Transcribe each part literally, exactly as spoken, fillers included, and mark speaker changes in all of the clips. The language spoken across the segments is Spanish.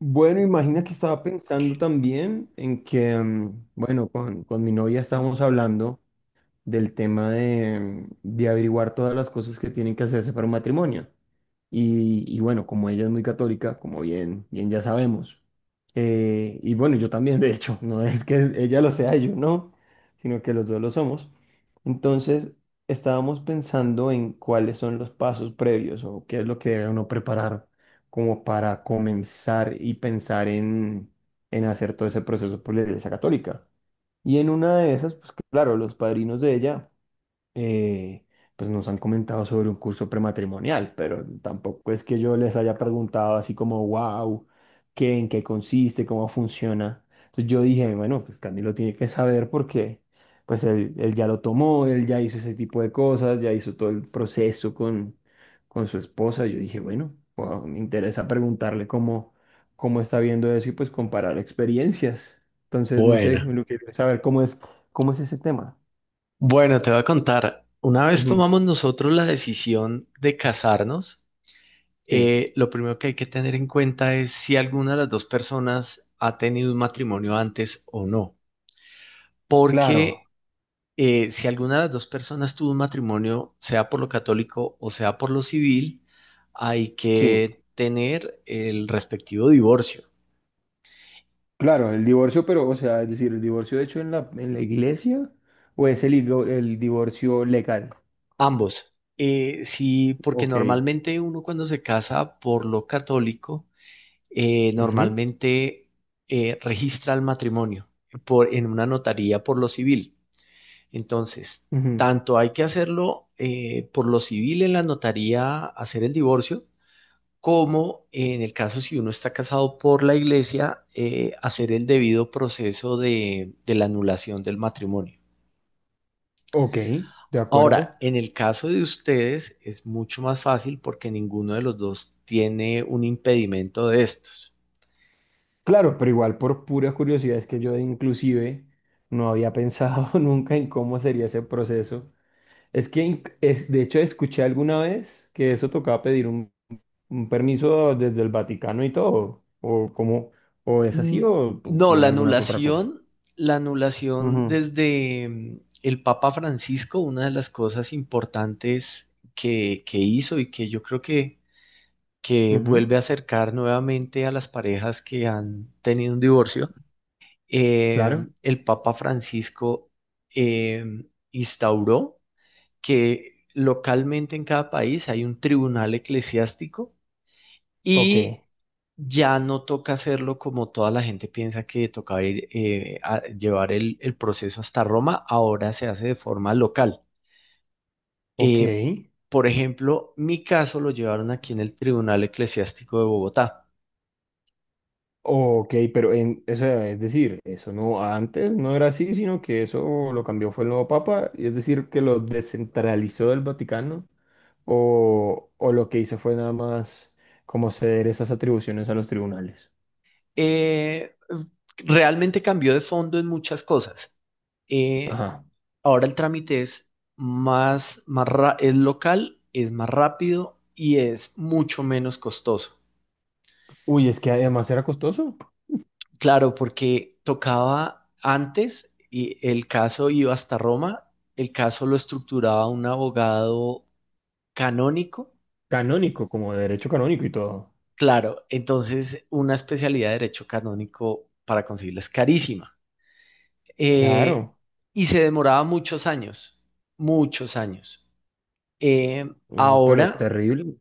Speaker 1: Bueno, imagina que estaba pensando también en que, mm, bueno, con, con mi novia estábamos hablando del tema de, de averiguar todas las cosas que tienen que hacerse para un matrimonio. Y, y bueno, como ella es muy católica, como bien, bien ya sabemos, eh, y bueno, yo también, de hecho, no es que ella lo sea, yo no, sino que los dos lo somos. Entonces, estábamos pensando en cuáles son los pasos previos o qué es lo que debe uno preparar como para comenzar y pensar en, en hacer todo ese proceso por la Iglesia Católica. Y en una de esas, pues claro, los padrinos de ella eh, pues nos han comentado sobre un curso prematrimonial, pero tampoco es que yo les haya preguntado así como, wow, ¿qué, en qué consiste, cómo funciona? Entonces yo dije, bueno, pues Camilo tiene que saber porque pues él, él ya lo tomó, él ya hizo ese tipo de cosas, ya hizo todo el proceso con, con su esposa. Yo dije, bueno, wow, me interesa preguntarle cómo, cómo está viendo eso y pues comparar experiencias. Entonces, no sé,
Speaker 2: Bueno,
Speaker 1: lo que saber cómo es, cómo es ese tema.
Speaker 2: bueno, te voy a contar. Una vez
Speaker 1: Ujú.
Speaker 2: tomamos nosotros la decisión de casarnos,
Speaker 1: Sí.
Speaker 2: eh, lo primero que hay que tener en cuenta es si alguna de las dos personas ha tenido un matrimonio antes o no.
Speaker 1: Claro,
Speaker 2: Porque eh, si alguna de las dos personas tuvo un matrimonio, sea por lo católico o sea por lo civil, hay
Speaker 1: sí,
Speaker 2: que tener el respectivo divorcio.
Speaker 1: claro, el divorcio, pero, o sea, es decir, el divorcio hecho en la, en la iglesia o es el, divo- el divorcio legal.
Speaker 2: Ambos. Eh, sí, porque
Speaker 1: Ok,
Speaker 2: normalmente uno cuando se casa por lo católico, eh,
Speaker 1: ujú,
Speaker 2: normalmente eh, registra el matrimonio por, en una notaría por lo civil. Entonces,
Speaker 1: ujú.
Speaker 2: tanto hay que hacerlo eh, por lo civil en la notaría, hacer el divorcio, como en el caso si uno está casado por la iglesia, eh, hacer el debido proceso de, de la anulación del matrimonio.
Speaker 1: Ok, de
Speaker 2: Ahora,
Speaker 1: acuerdo.
Speaker 2: en el caso de ustedes es mucho más fácil porque ninguno de los dos tiene un impedimento de estos.
Speaker 1: Claro, pero igual por pura curiosidad es que yo inclusive no había pensado nunca en cómo sería ese proceso. Es que, inc- es, de hecho, escuché alguna vez que eso tocaba pedir un, un permiso desde el Vaticano y todo, o como, o es así
Speaker 2: Mm,
Speaker 1: o, o
Speaker 2: no,
Speaker 1: tiene
Speaker 2: la
Speaker 1: alguna otra cosa.
Speaker 2: anulación, la anulación
Speaker 1: Ujú,
Speaker 2: desde mm, el Papa Francisco, una de las cosas importantes que, que hizo y que yo creo que, que
Speaker 1: ujú.
Speaker 2: vuelve a acercar nuevamente a las parejas que han tenido un divorcio, eh,
Speaker 1: Claro.
Speaker 2: el Papa Francisco eh, instauró que localmente en cada país hay un tribunal eclesiástico
Speaker 1: Ok.
Speaker 2: y ya no toca hacerlo como toda la gente piensa que tocaba ir, eh, a llevar el, el proceso hasta Roma, ahora se hace de forma local.
Speaker 1: Ok,
Speaker 2: Eh, por ejemplo, mi caso lo llevaron aquí en el Tribunal Eclesiástico de Bogotá.
Speaker 1: ok, pero en, o sea, es decir, eso no, antes no era así, sino que eso lo cambió fue el nuevo Papa, y es decir, que lo descentralizó del Vaticano, o, o lo que hizo fue nada más como ceder esas atribuciones a los tribunales.
Speaker 2: Eh, Realmente cambió de fondo en muchas cosas. Eh,
Speaker 1: Ajá.
Speaker 2: Ahora el trámite es más, más ra- es local, es más rápido y es mucho menos costoso.
Speaker 1: Uy, es que además era costoso.
Speaker 2: Claro, porque tocaba antes y el caso iba hasta Roma, el caso lo estructuraba un abogado canónico.
Speaker 1: Canónico, como de derecho canónico y todo.
Speaker 2: Claro, entonces una especialidad de derecho canónico para conseguirla es carísima. Eh,
Speaker 1: Claro.
Speaker 2: y se demoraba muchos años, muchos años. Eh,
Speaker 1: Oh, pero
Speaker 2: Ahora,
Speaker 1: terrible.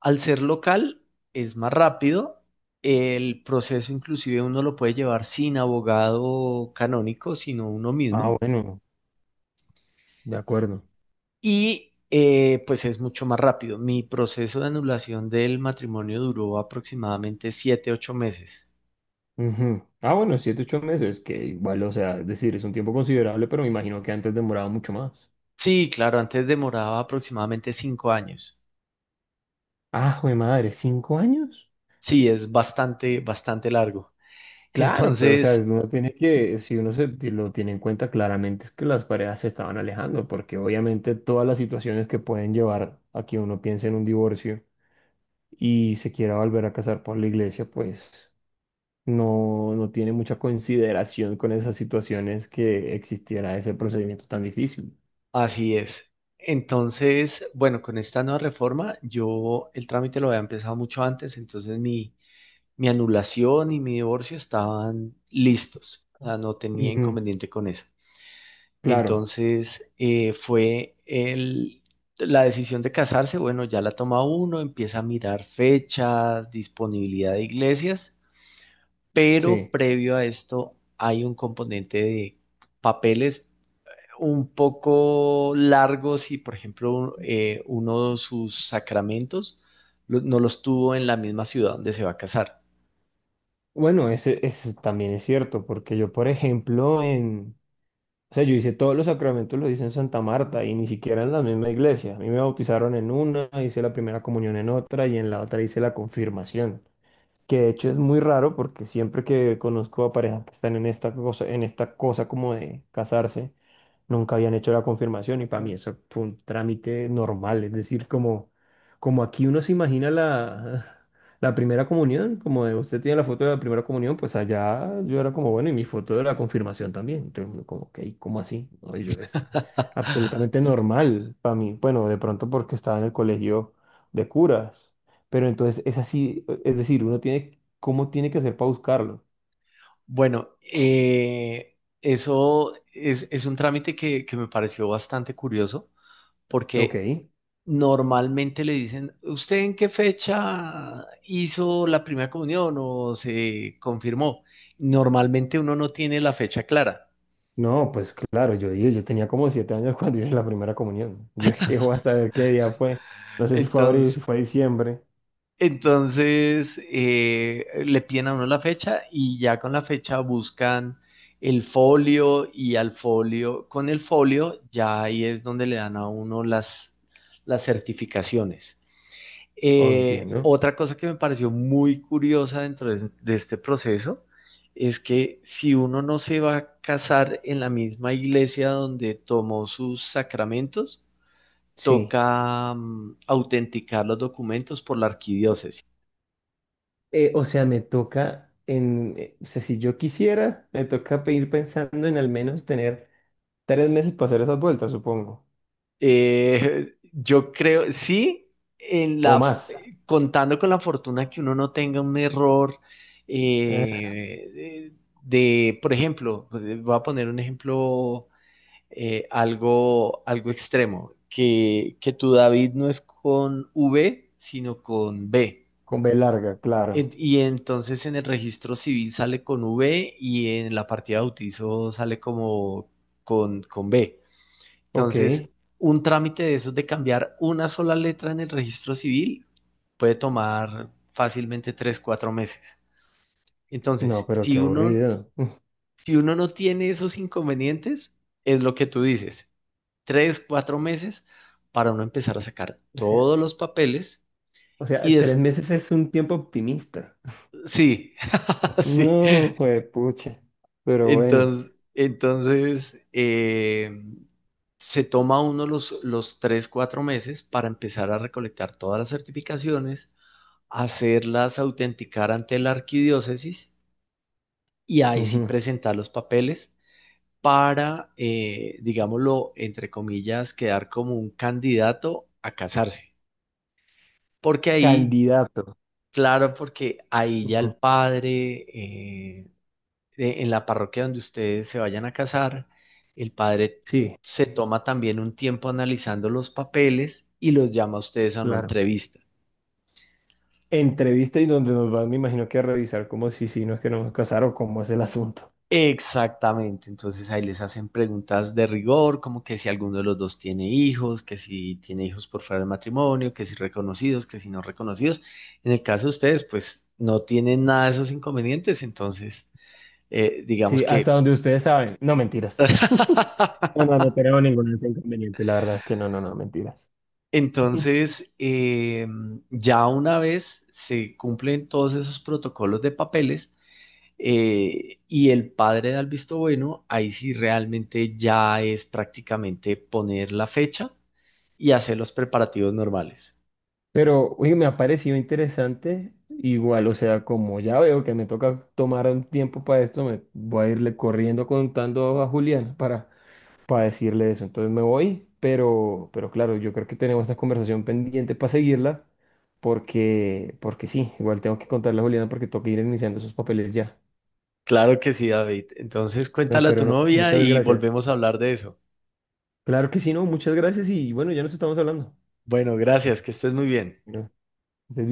Speaker 2: al ser local, es más rápido. El proceso inclusive uno lo puede llevar sin abogado canónico, sino uno
Speaker 1: Ah,
Speaker 2: mismo.
Speaker 1: bueno, de acuerdo.
Speaker 2: Y eh, pues es mucho más rápido. Mi proceso de anulación del matrimonio duró aproximadamente siete, ocho meses.
Speaker 1: Ujú. Ah, bueno, siete, ocho meses, que igual, o sea, es decir, es un tiempo considerable, pero me imagino que antes demoraba mucho más.
Speaker 2: Sí, claro, antes demoraba aproximadamente cinco años.
Speaker 1: Ah, jue madre, ¿cinco años?
Speaker 2: Sí, es bastante, bastante largo.
Speaker 1: Claro, pero o sea,
Speaker 2: Entonces,
Speaker 1: uno tiene que, si uno se ti- lo tiene en cuenta claramente, es que las parejas se estaban alejando, porque obviamente todas las situaciones que pueden llevar a que uno piense en un divorcio y se quiera volver a casar por la iglesia, pues no, no tiene mucha consideración con esas situaciones que existiera ese procedimiento tan difícil.
Speaker 2: así es. Entonces, bueno, con esta nueva reforma, yo el trámite lo había empezado mucho antes, entonces mi, mi anulación y mi divorcio estaban listos. O sea, no tenía
Speaker 1: Ujú.
Speaker 2: inconveniente con eso.
Speaker 1: Claro.
Speaker 2: Entonces, eh, fue el, la decisión de casarse, bueno, ya la toma uno, empieza a mirar fechas, disponibilidad de iglesias, pero
Speaker 1: Sí,
Speaker 2: previo a esto hay un componente de papeles un poco largos y, por ejemplo, un- eh, uno de sus sacramentos lo- no los tuvo en la misma ciudad donde se va a casar.
Speaker 1: bueno, ese, ese también es cierto, porque yo, por ejemplo, en, o sea, yo hice todos los sacramentos, lo hice en Santa Marta y ni siquiera en la misma iglesia. A mí me bautizaron en una, hice la primera comunión en otra y en la otra hice la confirmación. Que de hecho es muy raro porque siempre que conozco a parejas que están en esta cosa, en esta cosa como de casarse, nunca habían hecho la confirmación y para mí eso fue un trámite normal, es decir, como, como aquí uno se imagina la, la primera comunión, como de usted tiene la foto de la primera comunión, pues allá yo era como, bueno, y mi foto de la confirmación también, entonces uno como, ok, ¿cómo así? No y yo es absolutamente normal para mí, bueno, de pronto porque estaba en el colegio de curas. Pero entonces es así, es decir, uno tiene, ¿cómo tiene que hacer para buscarlo?
Speaker 2: Bueno, eh, eso es, es un trámite que, que me pareció bastante curioso. Porque
Speaker 1: Ok.
Speaker 2: normalmente le dicen, ¿usted en qué fecha hizo la primera comunión o se confirmó? Normalmente uno no tiene la fecha clara.
Speaker 1: No, pues claro, yo dije, yo tenía como siete años cuando hice la primera comunión. Yo dije, voy a saber qué día fue. No sé si fue abril,
Speaker 2: Entonces,
Speaker 1: si fue diciembre.
Speaker 2: entonces eh, le piden a uno la fecha y ya con la fecha buscan el folio y al folio, con el folio ya ahí es donde le dan a uno las, las certificaciones.
Speaker 1: O
Speaker 2: Eh,
Speaker 1: entiendo.
Speaker 2: otra cosa que me pareció muy curiosa dentro de, de este proceso es que si uno no se va a casar en la misma iglesia donde tomó sus sacramentos,
Speaker 1: Sí.
Speaker 2: toca mm, autenticar los documentos por la arquidiócesis.
Speaker 1: Eh, o sea, me toca en, eh, o sea, si yo quisiera, me toca pe- ir pensando en al menos tener tres meses para hacer esas vueltas, supongo.
Speaker 2: Eh, yo creo, sí, en
Speaker 1: O
Speaker 2: la,
Speaker 1: más.
Speaker 2: eh, contando con la fortuna que uno no tenga un error
Speaker 1: Eh,
Speaker 2: eh, de, por ejemplo, eh, voy a poner un ejemplo eh, algo, algo extremo, que, que tu David no es con V, sino con B.
Speaker 1: con B larga, claro.
Speaker 2: En- Y entonces en el registro civil sale con V y en la partida de bautizo sale como con, con B.
Speaker 1: Ok.
Speaker 2: Entonces, un trámite de esos de cambiar una sola letra en el registro civil puede tomar fácilmente tres, cuatro meses.
Speaker 1: No,
Speaker 2: Entonces,
Speaker 1: pero
Speaker 2: si
Speaker 1: qué
Speaker 2: uno,
Speaker 1: aburrido.
Speaker 2: si uno no tiene esos inconvenientes, es lo que tú dices. Tres, cuatro meses para uno empezar a sacar
Speaker 1: O
Speaker 2: todos
Speaker 1: sea,
Speaker 2: los papeles
Speaker 1: O
Speaker 2: y
Speaker 1: sea, tres
Speaker 2: después,
Speaker 1: meses es un tiempo optimista.
Speaker 2: sí, sí.
Speaker 1: No, pucha. Pero bueno.
Speaker 2: Entonces, entonces eh, se toma uno los, los tres, cuatro meses para empezar a recolectar todas las certificaciones, hacerlas autenticar ante la arquidiócesis y ahí sí
Speaker 1: Ujú.
Speaker 2: presentar los papeles para, eh, digámoslo, entre comillas, quedar como un candidato a casarse. Porque ahí,
Speaker 1: Candidato.
Speaker 2: claro, porque ahí ya el
Speaker 1: Ujú.
Speaker 2: padre, eh, de- en la parroquia donde ustedes se vayan a casar, el padre
Speaker 1: Sí,
Speaker 2: se toma también un tiempo analizando los papeles y los llama a ustedes a una
Speaker 1: claro.
Speaker 2: entrevista.
Speaker 1: Entrevista y donde nos van, me imagino que a revisar como si si no es que nos vamos a casar o cómo es el asunto.
Speaker 2: Exactamente, entonces ahí les hacen preguntas de rigor, como que si alguno de los dos tiene hijos, que si tiene hijos por fuera del matrimonio, que si reconocidos, que si no reconocidos. En el caso de ustedes, pues no tienen nada de esos inconvenientes, entonces eh, digamos
Speaker 1: Sí, hasta
Speaker 2: que...
Speaker 1: donde ustedes saben. No, mentiras. No, no, no tenemos ningún inconveniente. La verdad es que no, no, no, mentiras.
Speaker 2: Entonces, eh, ya una vez se cumplen todos esos protocolos de papeles eh, y el padre da el visto bueno, ahí sí realmente ya es prácticamente poner la fecha y hacer los preparativos normales.
Speaker 1: Pero, oye, me ha parecido interesante. Igual, o sea, como ya veo que me toca tomar un tiempo para esto, me voy a irle corriendo contando a Julián para, para decirle eso. Entonces me voy, pero, pero claro, yo creo que tenemos esta conversación pendiente para seguirla, porque, porque sí, igual tengo que contarle a Julián porque toca ir iniciando esos papeles ya.
Speaker 2: Claro que sí, David. Entonces,
Speaker 1: No,
Speaker 2: cuéntale a tu
Speaker 1: pero no,
Speaker 2: novia
Speaker 1: muchas
Speaker 2: y
Speaker 1: gracias.
Speaker 2: volvemos a hablar de eso.
Speaker 1: Claro que sí, no, muchas gracias y bueno, ya nos estamos hablando.
Speaker 2: Bueno, gracias, que estés muy bien.
Speaker 1: Bueno, estés